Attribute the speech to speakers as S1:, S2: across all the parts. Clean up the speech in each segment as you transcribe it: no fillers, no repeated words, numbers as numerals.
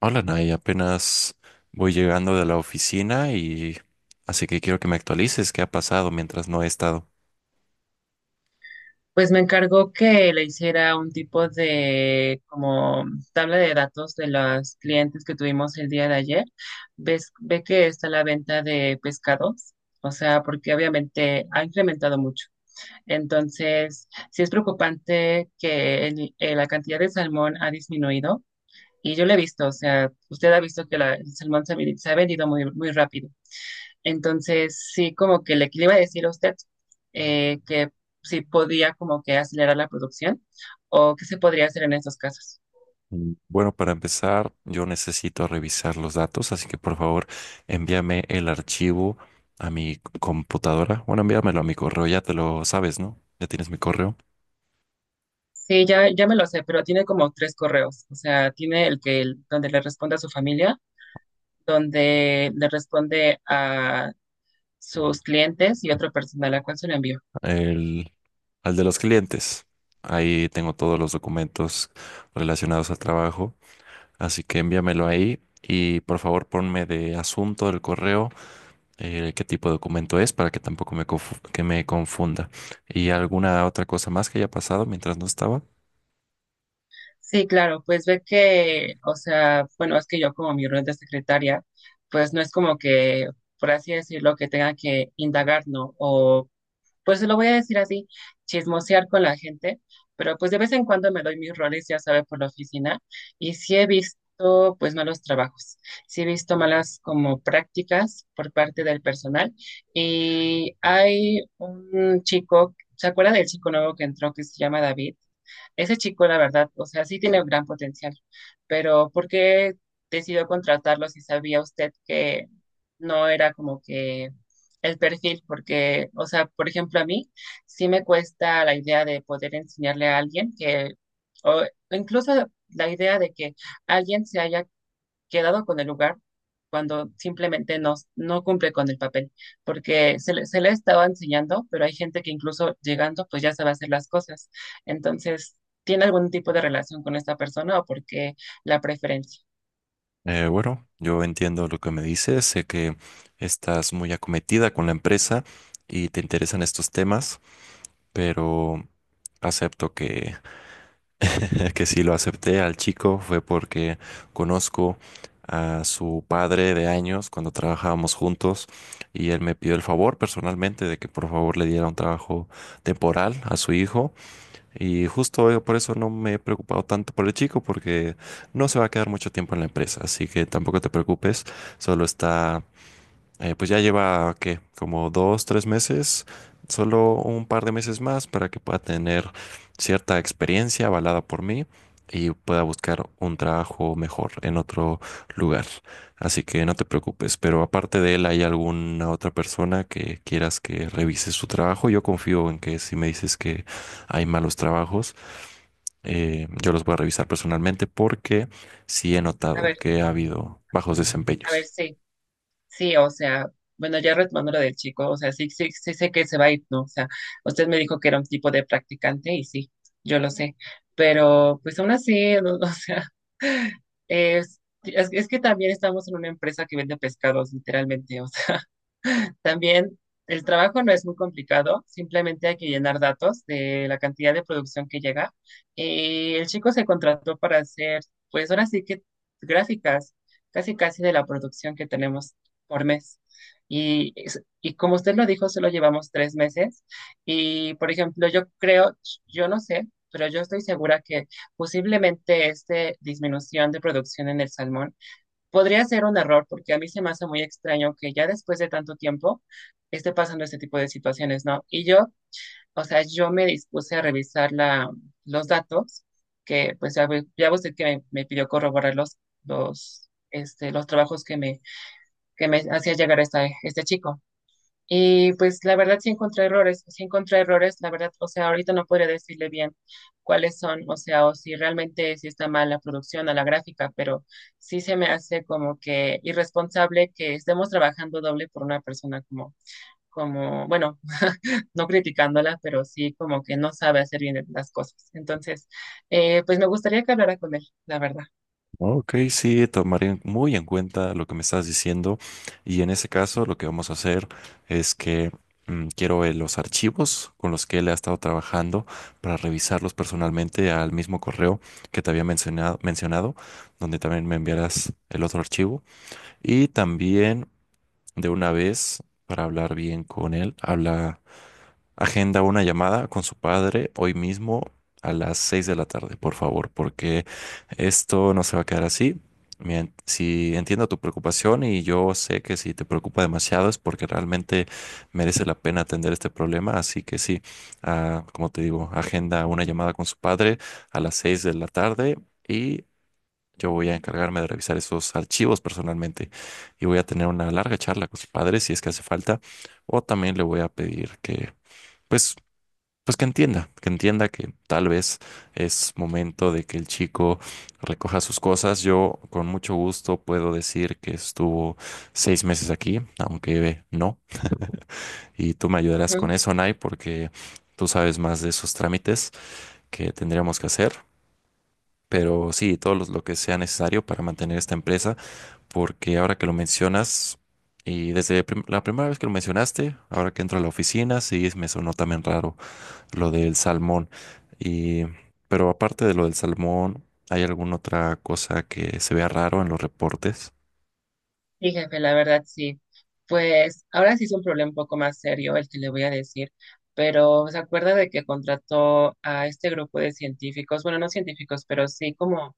S1: Hola, Nay, apenas voy llegando de la oficina y así que quiero que me actualices qué ha pasado mientras no he estado.
S2: Pues me encargó que le hiciera un tipo de como tabla de datos de los clientes que tuvimos el día de ayer. Ves, ve que está la venta de pescados, o sea, porque obviamente ha incrementado mucho. Entonces, sí es preocupante que la cantidad de salmón ha disminuido. Y yo lo he visto, o sea, usted ha visto que el salmón se ha, se ha vendido muy, muy rápido. Entonces, sí, como que le iba a decir a usted que si podía como que acelerar la producción o qué se podría hacer en estos casos.
S1: Bueno, para empezar, yo necesito revisar los datos, así que por favor envíame el archivo a computadora. Bueno, envíamelo a mi correo, ya te lo sabes, ¿no? Ya tienes mi correo.
S2: Sí, ya, ya me lo sé, pero tiene como 3 correos. O sea, tiene el que donde le responde a su familia, donde le responde a sus clientes y otro personal a cual se lo envió.
S1: El, al de los clientes. Ahí tengo todos los documentos relacionados al trabajo, así que envíamelo ahí y por favor ponme de asunto del correo. Qué tipo de documento es para que tampoco que me confunda. ¿Y alguna otra cosa más que haya pasado mientras no estaba?
S2: Sí, claro, pues ve que, o sea, bueno, es que yo como mi rol de secretaria, pues no es como que, por así decirlo, que tenga que indagar, ¿no? O pues lo voy a decir así, chismosear con la gente, pero pues de vez en cuando me doy mis roles, ya sabe, por la oficina, y sí he visto pues malos trabajos, sí he visto malas como prácticas por parte del personal, y hay un chico, ¿se acuerda del chico nuevo que entró que se llama David? Ese chico, la verdad, o sea, sí tiene un gran potencial, pero ¿por qué decidió contratarlo si sabía usted que no era como que el perfil, porque, o sea, por ejemplo, a mí sí me cuesta la idea de poder enseñarle a alguien que, o incluso la idea de que alguien se haya quedado con el lugar cuando simplemente no, no cumple con el papel, porque se le estaba enseñando, pero hay gente que incluso llegando, pues ya sabe hacer las cosas. Entonces, ¿tiene algún tipo de relación con esta persona o por qué la preferencia?
S1: Bueno, yo entiendo lo que me dices, sé que estás muy acometida con la empresa y te interesan estos temas, pero acepto que, que si lo acepté al chico fue porque conozco a su padre de años cuando trabajábamos juntos y él me pidió el favor personalmente de que por favor le diera un trabajo temporal a su hijo. Y justo por eso no me he preocupado tanto por el chico, porque no se va a quedar mucho tiempo en la empresa. Así que tampoco te preocupes, solo está pues ya lleva, ¿qué? Como dos, tres meses, solo un par de meses más para que pueda tener cierta experiencia avalada por mí y pueda buscar un trabajo mejor en otro lugar. Así que no te preocupes, pero aparte de él, ¿hay alguna otra persona que quieras que revise su trabajo? Yo confío en que si me dices que hay malos trabajos, yo los voy a revisar personalmente porque sí he
S2: A
S1: notado
S2: ver,
S1: que ha habido bajos
S2: a ver,
S1: desempeños.
S2: sí. Sí, o sea, bueno, ya retomando lo del chico, o sea, sí, sí, sí sé que se va a ir, ¿no? O sea, usted me dijo que era un tipo de practicante y sí, yo lo sé, pero pues aún así, no, o sea, es que también estamos en una empresa que vende pescados, literalmente, o sea. También el trabajo no es muy complicado, simplemente hay que llenar datos de la cantidad de producción que llega. El chico se contrató para hacer, pues ahora sí que gráficas, casi casi de la producción que tenemos por mes. Y como usted lo dijo, solo llevamos 3 meses. Y por ejemplo, yo creo, yo no sé, pero yo estoy segura que posiblemente esta disminución de producción en el salmón podría ser un error, porque a mí se me hace muy extraño que ya después de tanto tiempo esté pasando este tipo de situaciones, ¿no? Y yo, o sea, yo me dispuse a revisar los datos, que pues ya, ya usted que me pidió corroborar los trabajos que me hacía llegar este chico. Y pues la verdad sí encontré errores, la verdad, o sea, ahorita no podría decirle bien cuáles son, o sea, o si realmente sí está mal la producción a la gráfica, pero sí se me hace como que irresponsable que estemos trabajando doble por una persona como, bueno, no criticándola, pero sí como que no sabe hacer bien las cosas. Entonces, pues me gustaría que hablara con él, la verdad.
S1: Ok, sí, tomaré muy en cuenta lo que me estás diciendo y en ese caso lo que vamos a hacer es que mm, quiero los archivos con los que él ha estado trabajando para revisarlos personalmente al mismo correo que te había mencionado, donde también me enviarás el otro archivo y también de una vez para hablar bien con él, habla. Agenda una llamada con su padre hoy mismo a las 6 de la tarde, por favor, porque esto no se va a quedar así. Si entiendo tu preocupación y yo sé que si te preocupa demasiado es porque realmente merece la pena atender este problema, así que sí, como te digo, agenda una llamada con su padre a las 6 de la tarde y yo voy a encargarme de revisar esos archivos personalmente y voy a tener una larga charla con su padre si es que hace falta o también le voy a pedir que pues pues que entienda, que entienda que tal vez es momento de que el chico recoja sus cosas. Yo con mucho gusto puedo decir que estuvo 6 meses aquí, aunque no. Y tú me ayudarás con eso, Nay, porque tú sabes más de esos trámites que tendríamos que hacer. Pero sí, lo que sea necesario para mantener esta empresa, porque ahora que lo mencionas, y desde la primera vez que lo mencionaste, ahora que entro a la oficina, sí me sonó también raro lo del salmón. Y, pero aparte de lo del salmón, ¿hay alguna otra cosa que se vea raro en los reportes?
S2: Sí, jefe, la verdad sí. Pues ahora sí es un problema un poco más serio el que le voy a decir, pero se acuerda de que contrató a este grupo de científicos, bueno, no científicos, pero sí como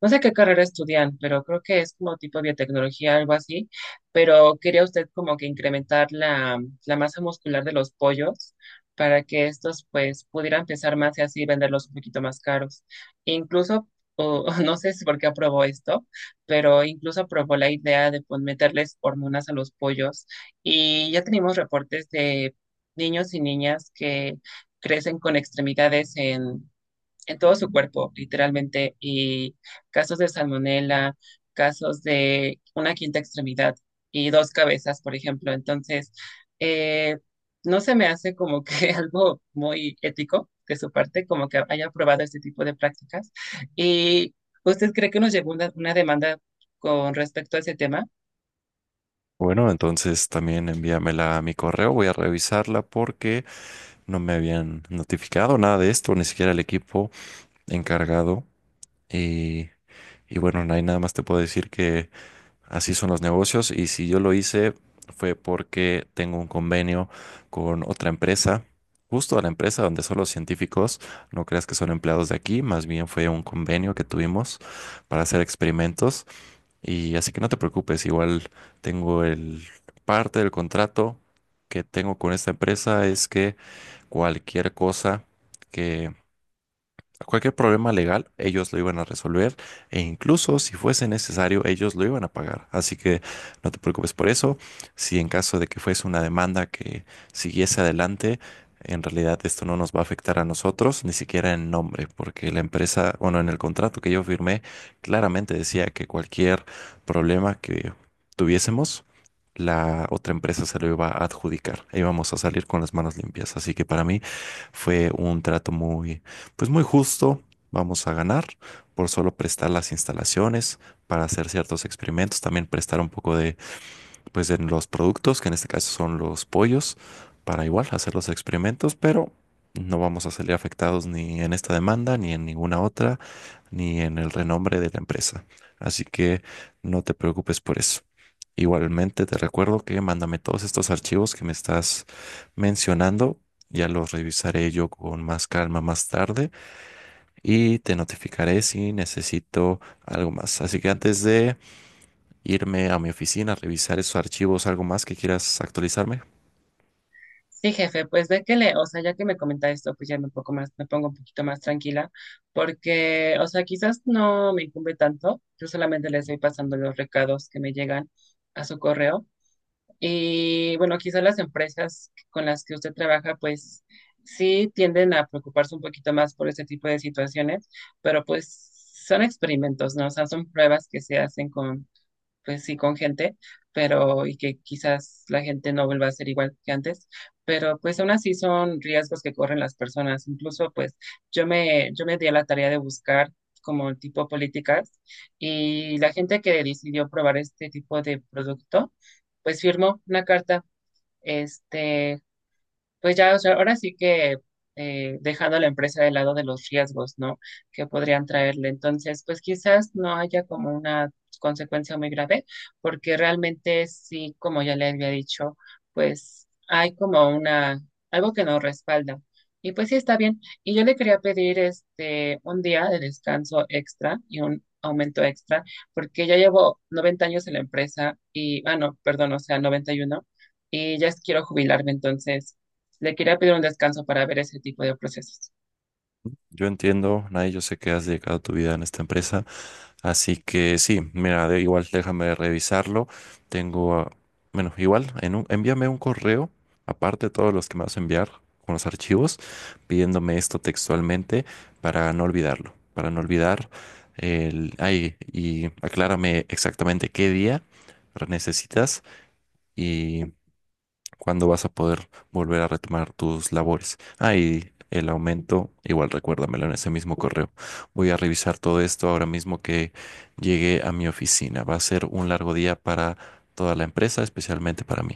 S2: no sé qué carrera estudian, pero creo que es como tipo biotecnología, algo así, pero quería usted como que incrementar la masa muscular de los pollos para que estos pues pudieran pesar más y así venderlos un poquito más caros. Incluso, no sé si por qué aprobó esto, pero incluso aprobó la idea de pues, meterles hormonas a los pollos y ya tenemos reportes de niños y niñas que crecen con extremidades en todo su cuerpo, literalmente, y casos de salmonela, casos de una quinta extremidad y dos cabezas, por ejemplo. Entonces, eh, no se me hace como que algo muy ético de su parte, como que haya aprobado este tipo de prácticas. ¿Y usted cree que nos llegó una demanda con respecto a ese tema?
S1: Bueno, entonces también envíamela a mi correo, voy a revisarla porque no me habían notificado nada de esto, ni siquiera el equipo encargado. Y, y bueno, no hay nada más te puedo decir que así son los negocios y si yo lo hice fue porque tengo un convenio con otra empresa, justo a la empresa donde son los científicos, no creas que son empleados de aquí, más bien fue un convenio que tuvimos para hacer experimentos y así que no te preocupes, igual tengo el parte del contrato que tengo con esta empresa es que cualquier cosa que cualquier problema legal, ellos lo iban a resolver e incluso si fuese necesario, ellos lo iban a pagar. Así que no te preocupes por eso. Si en caso de que fuese una demanda que siguiese adelante, en realidad esto no nos va a afectar a nosotros, ni siquiera en nombre, porque la empresa, bueno, en el contrato que yo firmé, claramente decía que cualquier problema que tuviésemos, la otra empresa se lo iba a adjudicar e íbamos a salir con las manos limpias. Así que para mí fue un trato muy pues muy justo, vamos a ganar por solo prestar las instalaciones para hacer ciertos experimentos, también prestar un poco de, pues de los productos, que en este caso son los pollos, para igual hacer los experimentos, pero no vamos a salir afectados ni en esta demanda, ni en ninguna otra, ni en el renombre de la empresa. Así que no te preocupes por eso. Igualmente te recuerdo que mándame todos estos archivos que me estás mencionando. Ya los revisaré yo con más calma más tarde y te notificaré si necesito algo más. Así que antes de irme a mi oficina a revisar esos archivos, algo más que quieras actualizarme.
S2: Sí, jefe, pues ve que le, o sea, ya que me comenta esto, pues ya un poco más, me pongo un poquito más tranquila, porque, o sea, quizás no me incumbe tanto, yo solamente le estoy pasando los recados que me llegan a su correo. Y bueno, quizás las empresas con las que usted trabaja, pues sí tienden a preocuparse un poquito más por este tipo de situaciones, pero pues son experimentos, ¿no? O sea, son pruebas que se hacen pues sí, con gente, pero y que quizás la gente no vuelva a ser igual que antes, pero pues aún así son riesgos que corren las personas. Incluso pues yo me di a la tarea de buscar como tipo políticas y la gente que decidió probar este tipo de producto, pues firmó una carta. Este, pues ya, o sea, ahora sí que dejando a la empresa de lado de los riesgos, ¿no? Que podrían traerle. Entonces, pues quizás no haya como una consecuencia muy grave, porque realmente sí, como ya le había dicho, pues hay como una, algo que nos respalda. Y pues sí, está bien. Y yo le quería pedir este, un día de descanso extra y un aumento extra, porque ya llevo 90 años en la empresa y, no, perdón, o sea, 91 y ya quiero jubilarme, entonces. Le quería pedir un descanso para ver ese tipo de procesos.
S1: Yo entiendo, Nay, yo sé que has dedicado tu vida en esta empresa. Así que sí, mira, igual déjame revisarlo. Tengo, bueno, igual, en envíame un correo, aparte de todos los que me vas a enviar con los archivos, pidiéndome esto textualmente para no olvidarlo, para no olvidar el, ay, y aclárame exactamente qué día necesitas. ¿Cuándo vas a poder volver a retomar tus labores? Ah, y el aumento, igual recuérdamelo en ese mismo correo. Voy a revisar todo esto ahora mismo que llegué a mi oficina. Va a ser un largo día para toda la empresa, especialmente para mí.